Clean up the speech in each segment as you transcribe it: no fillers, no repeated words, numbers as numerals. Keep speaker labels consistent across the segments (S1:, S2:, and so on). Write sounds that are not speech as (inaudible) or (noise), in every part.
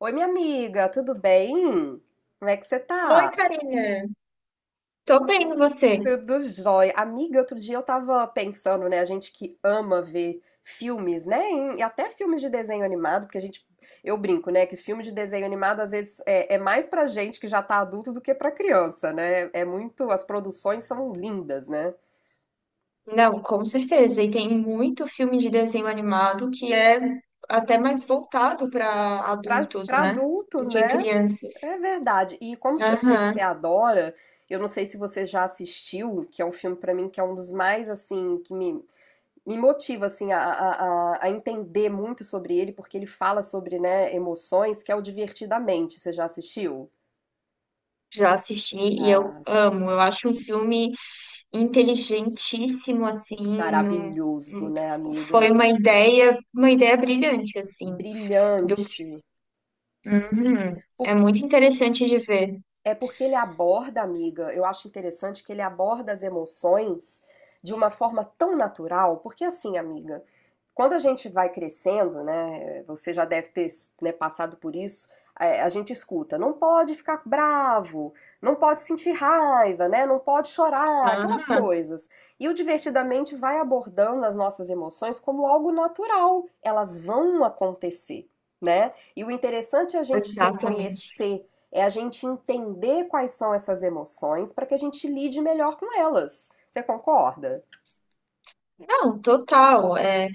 S1: Oi, minha amiga, tudo bem? Como é que você
S2: Oi,
S1: tá?
S2: Karina. Tô bem, e você?
S1: Tudo jóia. Amiga, outro dia eu tava pensando, né? A gente que ama ver filmes, né? E até filmes de desenho animado, porque a gente, eu brinco, né? Que filme de desenho animado às vezes é mais pra gente que já tá adulto do que pra criança, né? É muito, as produções são lindas, né?
S2: Não, com certeza. E tem muito filme de desenho animado que é até mais voltado para
S1: Pra,
S2: adultos,
S1: pra
S2: né?
S1: adultos,
S2: Do que
S1: né?
S2: crianças.
S1: É verdade. E como eu sei que você
S2: Aham.
S1: adora, eu não sei se você já assistiu, que é um filme pra mim que é um dos mais assim que me motiva assim a entender muito sobre ele, porque ele fala sobre, né, emoções, que é o Divertidamente. Você já assistiu?
S2: Já assisti e eu
S1: Ah,
S2: amo. Eu acho um filme inteligentíssimo, assim.
S1: maravilhoso,
S2: Num-
S1: né,
S2: Foi
S1: amiga?
S2: uma ideia brilhante, assim. Do...
S1: Brilhante.
S2: Uhum. É
S1: Por
S2: muito interessante de ver.
S1: É porque ele aborda, amiga, eu acho interessante que ele aborda as emoções de uma forma tão natural, porque assim, amiga, quando a gente vai crescendo, né, você já deve ter, né, passado por isso, é, a gente escuta, não pode ficar bravo, não pode sentir raiva, né, não pode chorar, aquelas
S2: Aham,
S1: coisas. E o Divertidamente vai abordando as nossas emoções como algo natural, elas vão acontecer, né? E o interessante é a gente
S2: exatamente.
S1: reconhecer é a gente entender quais são essas emoções para que a gente lide melhor com elas. Você concorda?
S2: Não, total.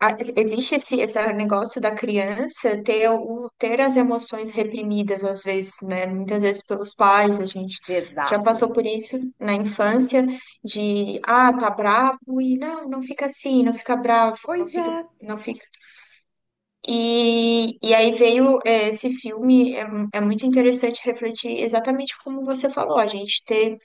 S2: a- Existe esse negócio da criança ter, o, ter as emoções reprimidas, às vezes, né? Muitas vezes pelos pais, a gente já
S1: Exato.
S2: passou por isso na infância, de, ah, tá bravo, e não, não fica assim, não fica bravo, não
S1: Pois
S2: fica,
S1: é.
S2: não fica. E, e aí veio, esse filme, é muito interessante refletir exatamente como você falou, a gente ter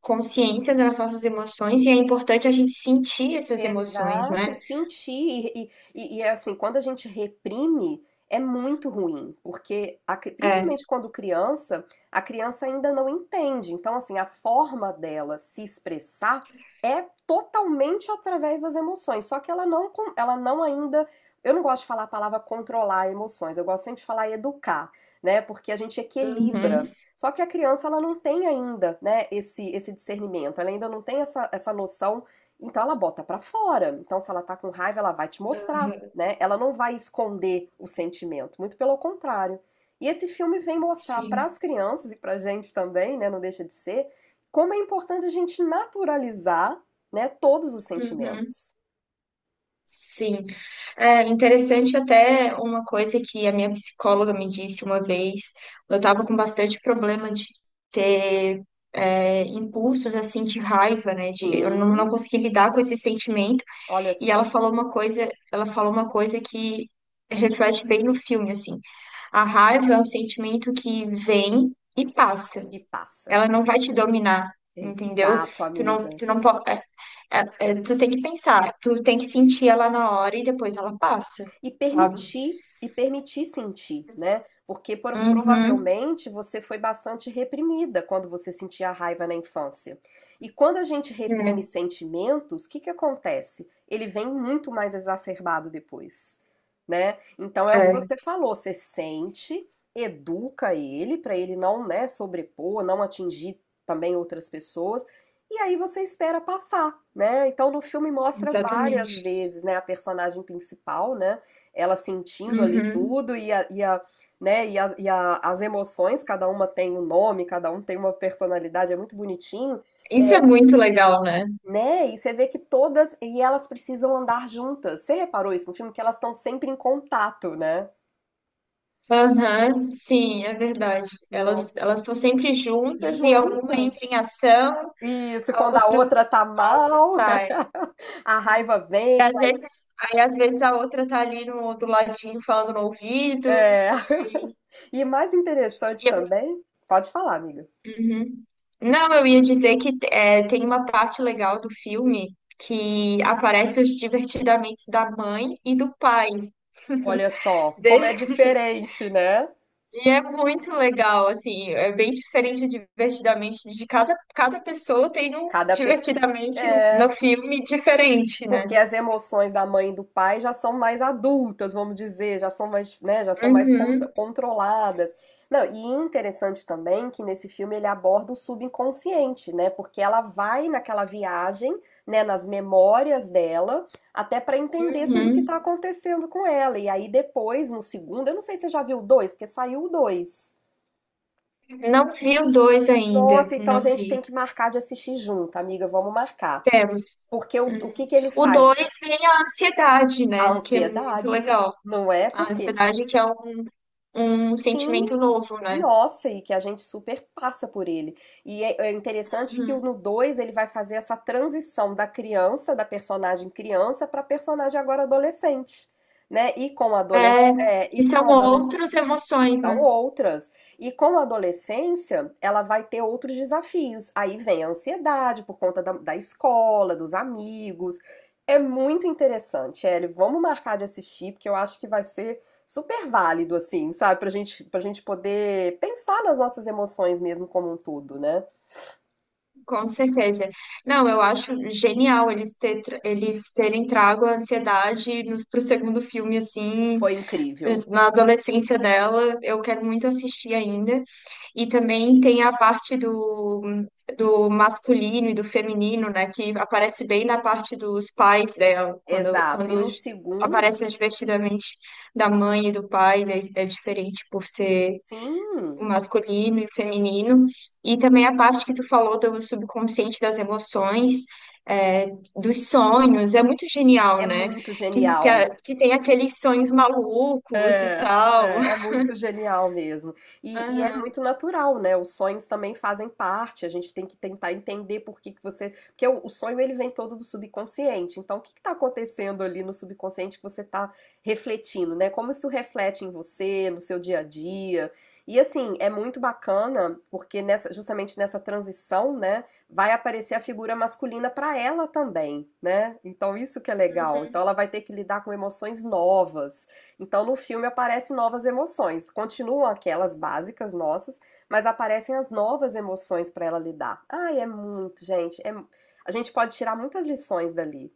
S2: consciência das nossas emoções, e é importante a gente sentir essas emoções,
S1: Exato, e
S2: né?
S1: sentir, e é assim, quando a gente reprime, é muito ruim, porque a
S2: É.
S1: principalmente quando criança, a criança ainda não entende. Então, assim, a forma dela se expressar é totalmente através das emoções, só que ela não, ela não ainda, eu não gosto de falar a palavra controlar emoções, eu gosto sempre de falar educar, né? Porque a gente
S2: Uhum.
S1: equilibra. Só que a criança, ela não tem ainda, né, esse discernimento, ela ainda não tem essa noção, então ela bota pra fora. Então se ela tá com raiva, ela vai te mostrar, né? Ela não vai esconder o sentimento, muito pelo contrário. E esse filme vem mostrar para
S2: Sim,
S1: as crianças e pra gente também, né, não deixa de ser, como é importante a gente naturalizar, né, todos os
S2: uhum,
S1: sentimentos.
S2: sim. É interessante até uma coisa que a minha psicóloga me disse uma vez. Eu estava com bastante problema de ter impulsos assim de raiva, né? De, eu não, não
S1: Sim,
S2: consegui lidar com esse sentimento.
S1: olha
S2: E ela
S1: só.
S2: falou uma coisa, ela falou uma coisa que reflete bem no filme, assim. A raiva é um sentimento que vem e passa.
S1: E passa.
S2: Ela não vai te dominar, entendeu?
S1: Exato, amiga.
S2: Tu não pode. É, tu tem que pensar, tu tem que sentir ela na hora e depois ela passa,
S1: e
S2: sabe?
S1: permitir e permitir sentir, né? Porque
S2: Uhum.
S1: provavelmente você foi bastante reprimida quando você sentia a raiva na infância. E quando a gente reprime sentimentos, o que que acontece? Ele vem muito mais exacerbado depois, né? Então é
S2: É,
S1: o que
S2: é,
S1: você falou, você sente, educa ele para ele não, né, sobrepor, não atingir também outras pessoas. E aí você espera passar, né? Então no filme mostra várias
S2: exatamente.
S1: vezes, né, a personagem principal, né? Ela sentindo ali
S2: Uhum.
S1: tudo né, as emoções, cada uma tem um nome, cada um tem uma personalidade, é muito bonitinho,
S2: Isso é
S1: é,
S2: muito legal, né?
S1: né? E você vê que todas, e elas precisam andar juntas. Você reparou isso no filme? Que elas estão sempre em contato, né?
S2: Aham, sim, é verdade. Elas
S1: Nossa.
S2: elas estão sempre juntas e alguma entra
S1: Juntas.
S2: em ação,
S1: Isso,
S2: a
S1: quando a
S2: outra
S1: outra tá
S2: a outra
S1: mal,
S2: sai.
S1: (laughs) a raiva
S2: E
S1: vem.
S2: às vezes, aí às vezes a outra tá ali no do ladinho falando no ouvido
S1: É.
S2: e,
S1: (laughs) E mais interessante
S2: e-
S1: também, pode falar, amiga.
S2: uhum. Não, eu ia dizer que é, tem uma parte legal do filme que aparece os divertidamente da mãe e do pai
S1: Olha só, como é
S2: dele.
S1: diferente, né?
S2: E é muito legal, assim, é bem diferente o divertidamente de cada, cada pessoa tem um
S1: Cada pessoa.
S2: divertidamente
S1: É,
S2: no filme diferente, né?
S1: porque as emoções da mãe e do pai já são mais adultas, vamos dizer, já são mais, né, já são mais
S2: Uhum,
S1: controladas. Não, e interessante também que nesse filme ele aborda o subconsciente, né? Porque ela vai naquela viagem, né, nas memórias dela, até para entender tudo que
S2: uhum.
S1: tá acontecendo com ela. E aí depois, no segundo, eu não sei se você já viu o dois, porque saiu o dois.
S2: Não vi o dois ainda,
S1: Nossa, então a
S2: não
S1: gente
S2: vi.
S1: tem que marcar de assistir junto, amiga, vamos marcar.
S2: Temos.
S1: Porque o
S2: Uhum.
S1: que que ele
S2: O
S1: faz?
S2: dois tem a ansiedade,
S1: A
S2: né? Que é muito
S1: ansiedade,
S2: legal.
S1: não é?
S2: A
S1: Porque
S2: ansiedade que é um sentimento
S1: sim,
S2: novo, né?
S1: nossa, e que a gente super passa por ele. É interessante que o
S2: Uhum.
S1: no 2 ele vai fazer essa transição da criança, da personagem criança, para personagem agora adolescente, né?
S2: É, e
S1: E com
S2: são
S1: adolescente
S2: outras emoções,
S1: são
S2: né?
S1: outras. E com a adolescência, ela vai ter outros desafios. Aí vem a ansiedade por conta da escola, dos amigos. É muito interessante, Ellie. Vamos marcar de assistir, porque eu acho que vai ser super válido, assim, sabe? Pra gente poder pensar nas nossas emoções mesmo como um todo, né?
S2: Com certeza. Não, eu acho genial eles terem trago a ansiedade pro segundo filme, assim,
S1: Foi
S2: eh,
S1: incrível.
S2: na adolescência dela, eu quero muito assistir ainda. E também tem a parte do masculino e do feminino, né, que aparece bem na parte dos pais dela,
S1: Exato. E
S2: quando
S1: no segundo,
S2: aparece o divertidamente da mãe e do pai, né, é diferente por ser
S1: sim,
S2: o masculino e o feminino, e também a parte que tu falou do subconsciente das emoções, é, dos sonhos, é muito
S1: é
S2: genial, né?
S1: muito genial.
S2: Que tem aqueles sonhos malucos e
S1: É,
S2: tal.
S1: é, é muito genial mesmo. E é
S2: Aham,
S1: muito natural, né? Os sonhos também fazem parte. A gente tem que tentar entender por que que você. Porque o sonho ele vem todo do subconsciente. Então, o que está acontecendo ali no subconsciente que você está refletindo, né? Como isso reflete em você, no seu dia a dia. E assim, é muito bacana, porque nessa, justamente nessa transição, né, vai aparecer a figura masculina para ela também, né? Então isso que é legal.
S2: uhum,
S1: Então ela vai ter que lidar com emoções novas. Então, no filme aparecem novas emoções. Continuam aquelas básicas nossas, mas aparecem as novas emoções para ela lidar. Ai, é muito, gente. É a gente pode tirar muitas lições dali.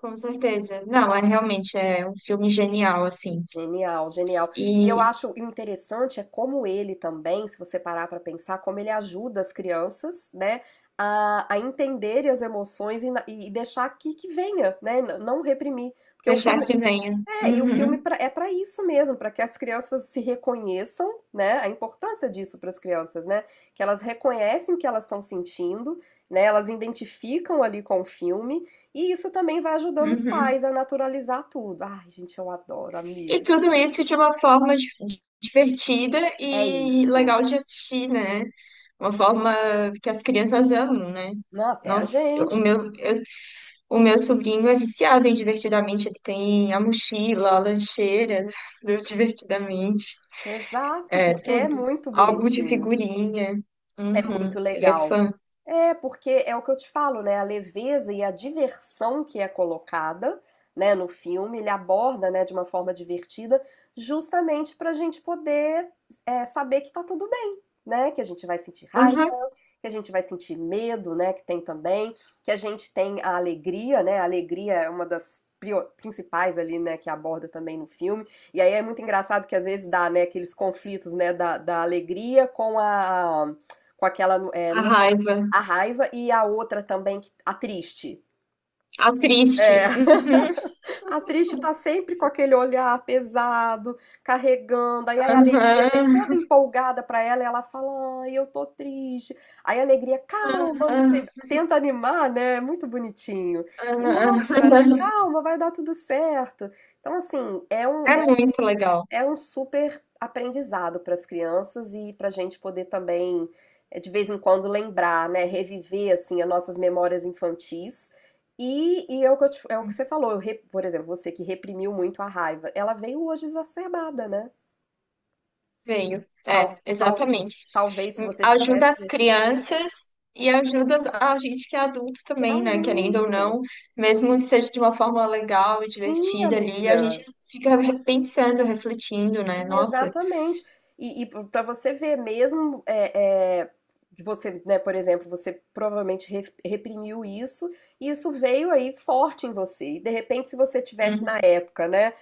S2: com certeza. Não, realmente é um filme genial, assim.
S1: Genial, genial. E eu
S2: E
S1: acho o interessante é como ele também, se você parar para pensar, como ele ajuda as crianças, né, a entenderem as emoções e, e deixar que venha, né, não reprimir. Porque o
S2: deixar
S1: filme,
S2: que venha.
S1: é, e o filme
S2: Uhum,
S1: é para isso mesmo, para que as crianças se reconheçam, né? A importância disso para as crianças, né? Que elas reconhecem o que elas estão sentindo, né? Elas identificam ali com o filme, e isso também vai ajudando os
S2: uhum.
S1: pais a naturalizar tudo. Ai, gente, eu adoro,
S2: E
S1: amiga.
S2: tudo isso de uma forma divertida
S1: É
S2: e legal
S1: isso.
S2: de assistir, né? Uma forma que as crianças amam, né?
S1: Não, até a
S2: Nossa,
S1: gente.
S2: o meu sobrinho é viciado em Divertidamente. Ele tem a mochila, a lancheira (laughs) do Divertidamente.
S1: Exato,
S2: É,
S1: porque é
S2: tudo.
S1: muito
S2: Álbum de
S1: bonitinho,
S2: figurinha. Uhum,
S1: muito
S2: ele é
S1: legal.
S2: fã.
S1: É, porque é o que eu te falo, né? A leveza e a diversão que é colocada, né, no filme, ele aborda, né, de uma forma divertida, justamente para a gente poder é, saber que tá tudo bem, né? Que a gente vai sentir raiva,
S2: Uhum.
S1: que a gente vai sentir medo, né, que tem também, que a gente tem a alegria, né? A alegria é uma das principais ali, né, que aborda também no filme. E aí é muito engraçado que às vezes dá, né, aqueles conflitos, né, da alegria com a com aquela é,
S2: A
S1: não é-
S2: raiva.
S1: a raiva e a outra também a triste.
S2: A triste.
S1: É,
S2: Uhum,
S1: a triste tá sempre com aquele olhar pesado, carregando. Aí a alegria vem
S2: uhum,
S1: toda empolgada pra ela e ela fala: Ai, eu tô triste. Aí a alegria, calma, não
S2: uhum,
S1: sei. Tenta animar, né? É muito bonitinho. E mostra, né?
S2: uhum.
S1: Calma, vai dar tudo certo. Então, assim,
S2: (laughs) É
S1: é
S2: muito legal.
S1: é um super aprendizado para as crianças e para a gente poder também, de vez em quando, lembrar, né, reviver assim as nossas memórias infantis. E é o que é o que você falou, por exemplo, você que reprimiu muito a raiva, ela veio hoje exacerbada, né?
S2: Venho. É,
S1: Tal, tal,
S2: exatamente.
S1: talvez se você
S2: Ajuda
S1: tivesse.
S2: as crianças e ajuda a gente que é adulto
S1: Que
S2: também, né? Querendo ou
S1: adulto!
S2: não, mesmo que seja de uma forma legal e
S1: Sim,
S2: divertida ali, a gente
S1: amiga.
S2: fica pensando, refletindo, né? Nossa.
S1: Exatamente. E, para você ver, mesmo você, né, por exemplo, você provavelmente reprimiu isso, e isso veio aí forte em você. E de repente, se você tivesse na
S2: Hum,
S1: época, né,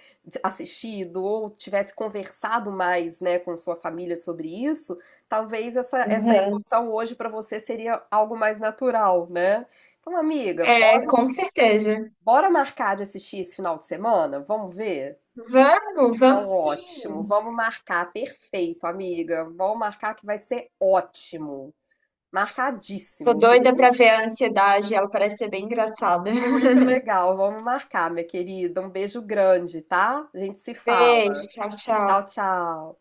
S1: assistido ou tivesse conversado mais, né, com sua família sobre isso, talvez essa
S2: aham.
S1: emoção hoje para você seria algo mais natural, né? Então, amiga,
S2: É,
S1: bora,
S2: com certeza.
S1: bora marcar de assistir esse final de semana? Vamos ver?
S2: Vamos,
S1: Então,
S2: vamos
S1: ótimo.
S2: sim.
S1: Vamos marcar. Perfeito, amiga. Vamos marcar que vai ser ótimo.
S2: Tô
S1: Marcadíssimo, viu?
S2: doida pra ver a ansiedade, ela parece ser bem engraçada. (laughs)
S1: Muito legal. Vamos marcar, minha querida. Um beijo grande, tá? A gente se
S2: Beijo,
S1: fala.
S2: tchau, tchau.
S1: Tchau, tchau.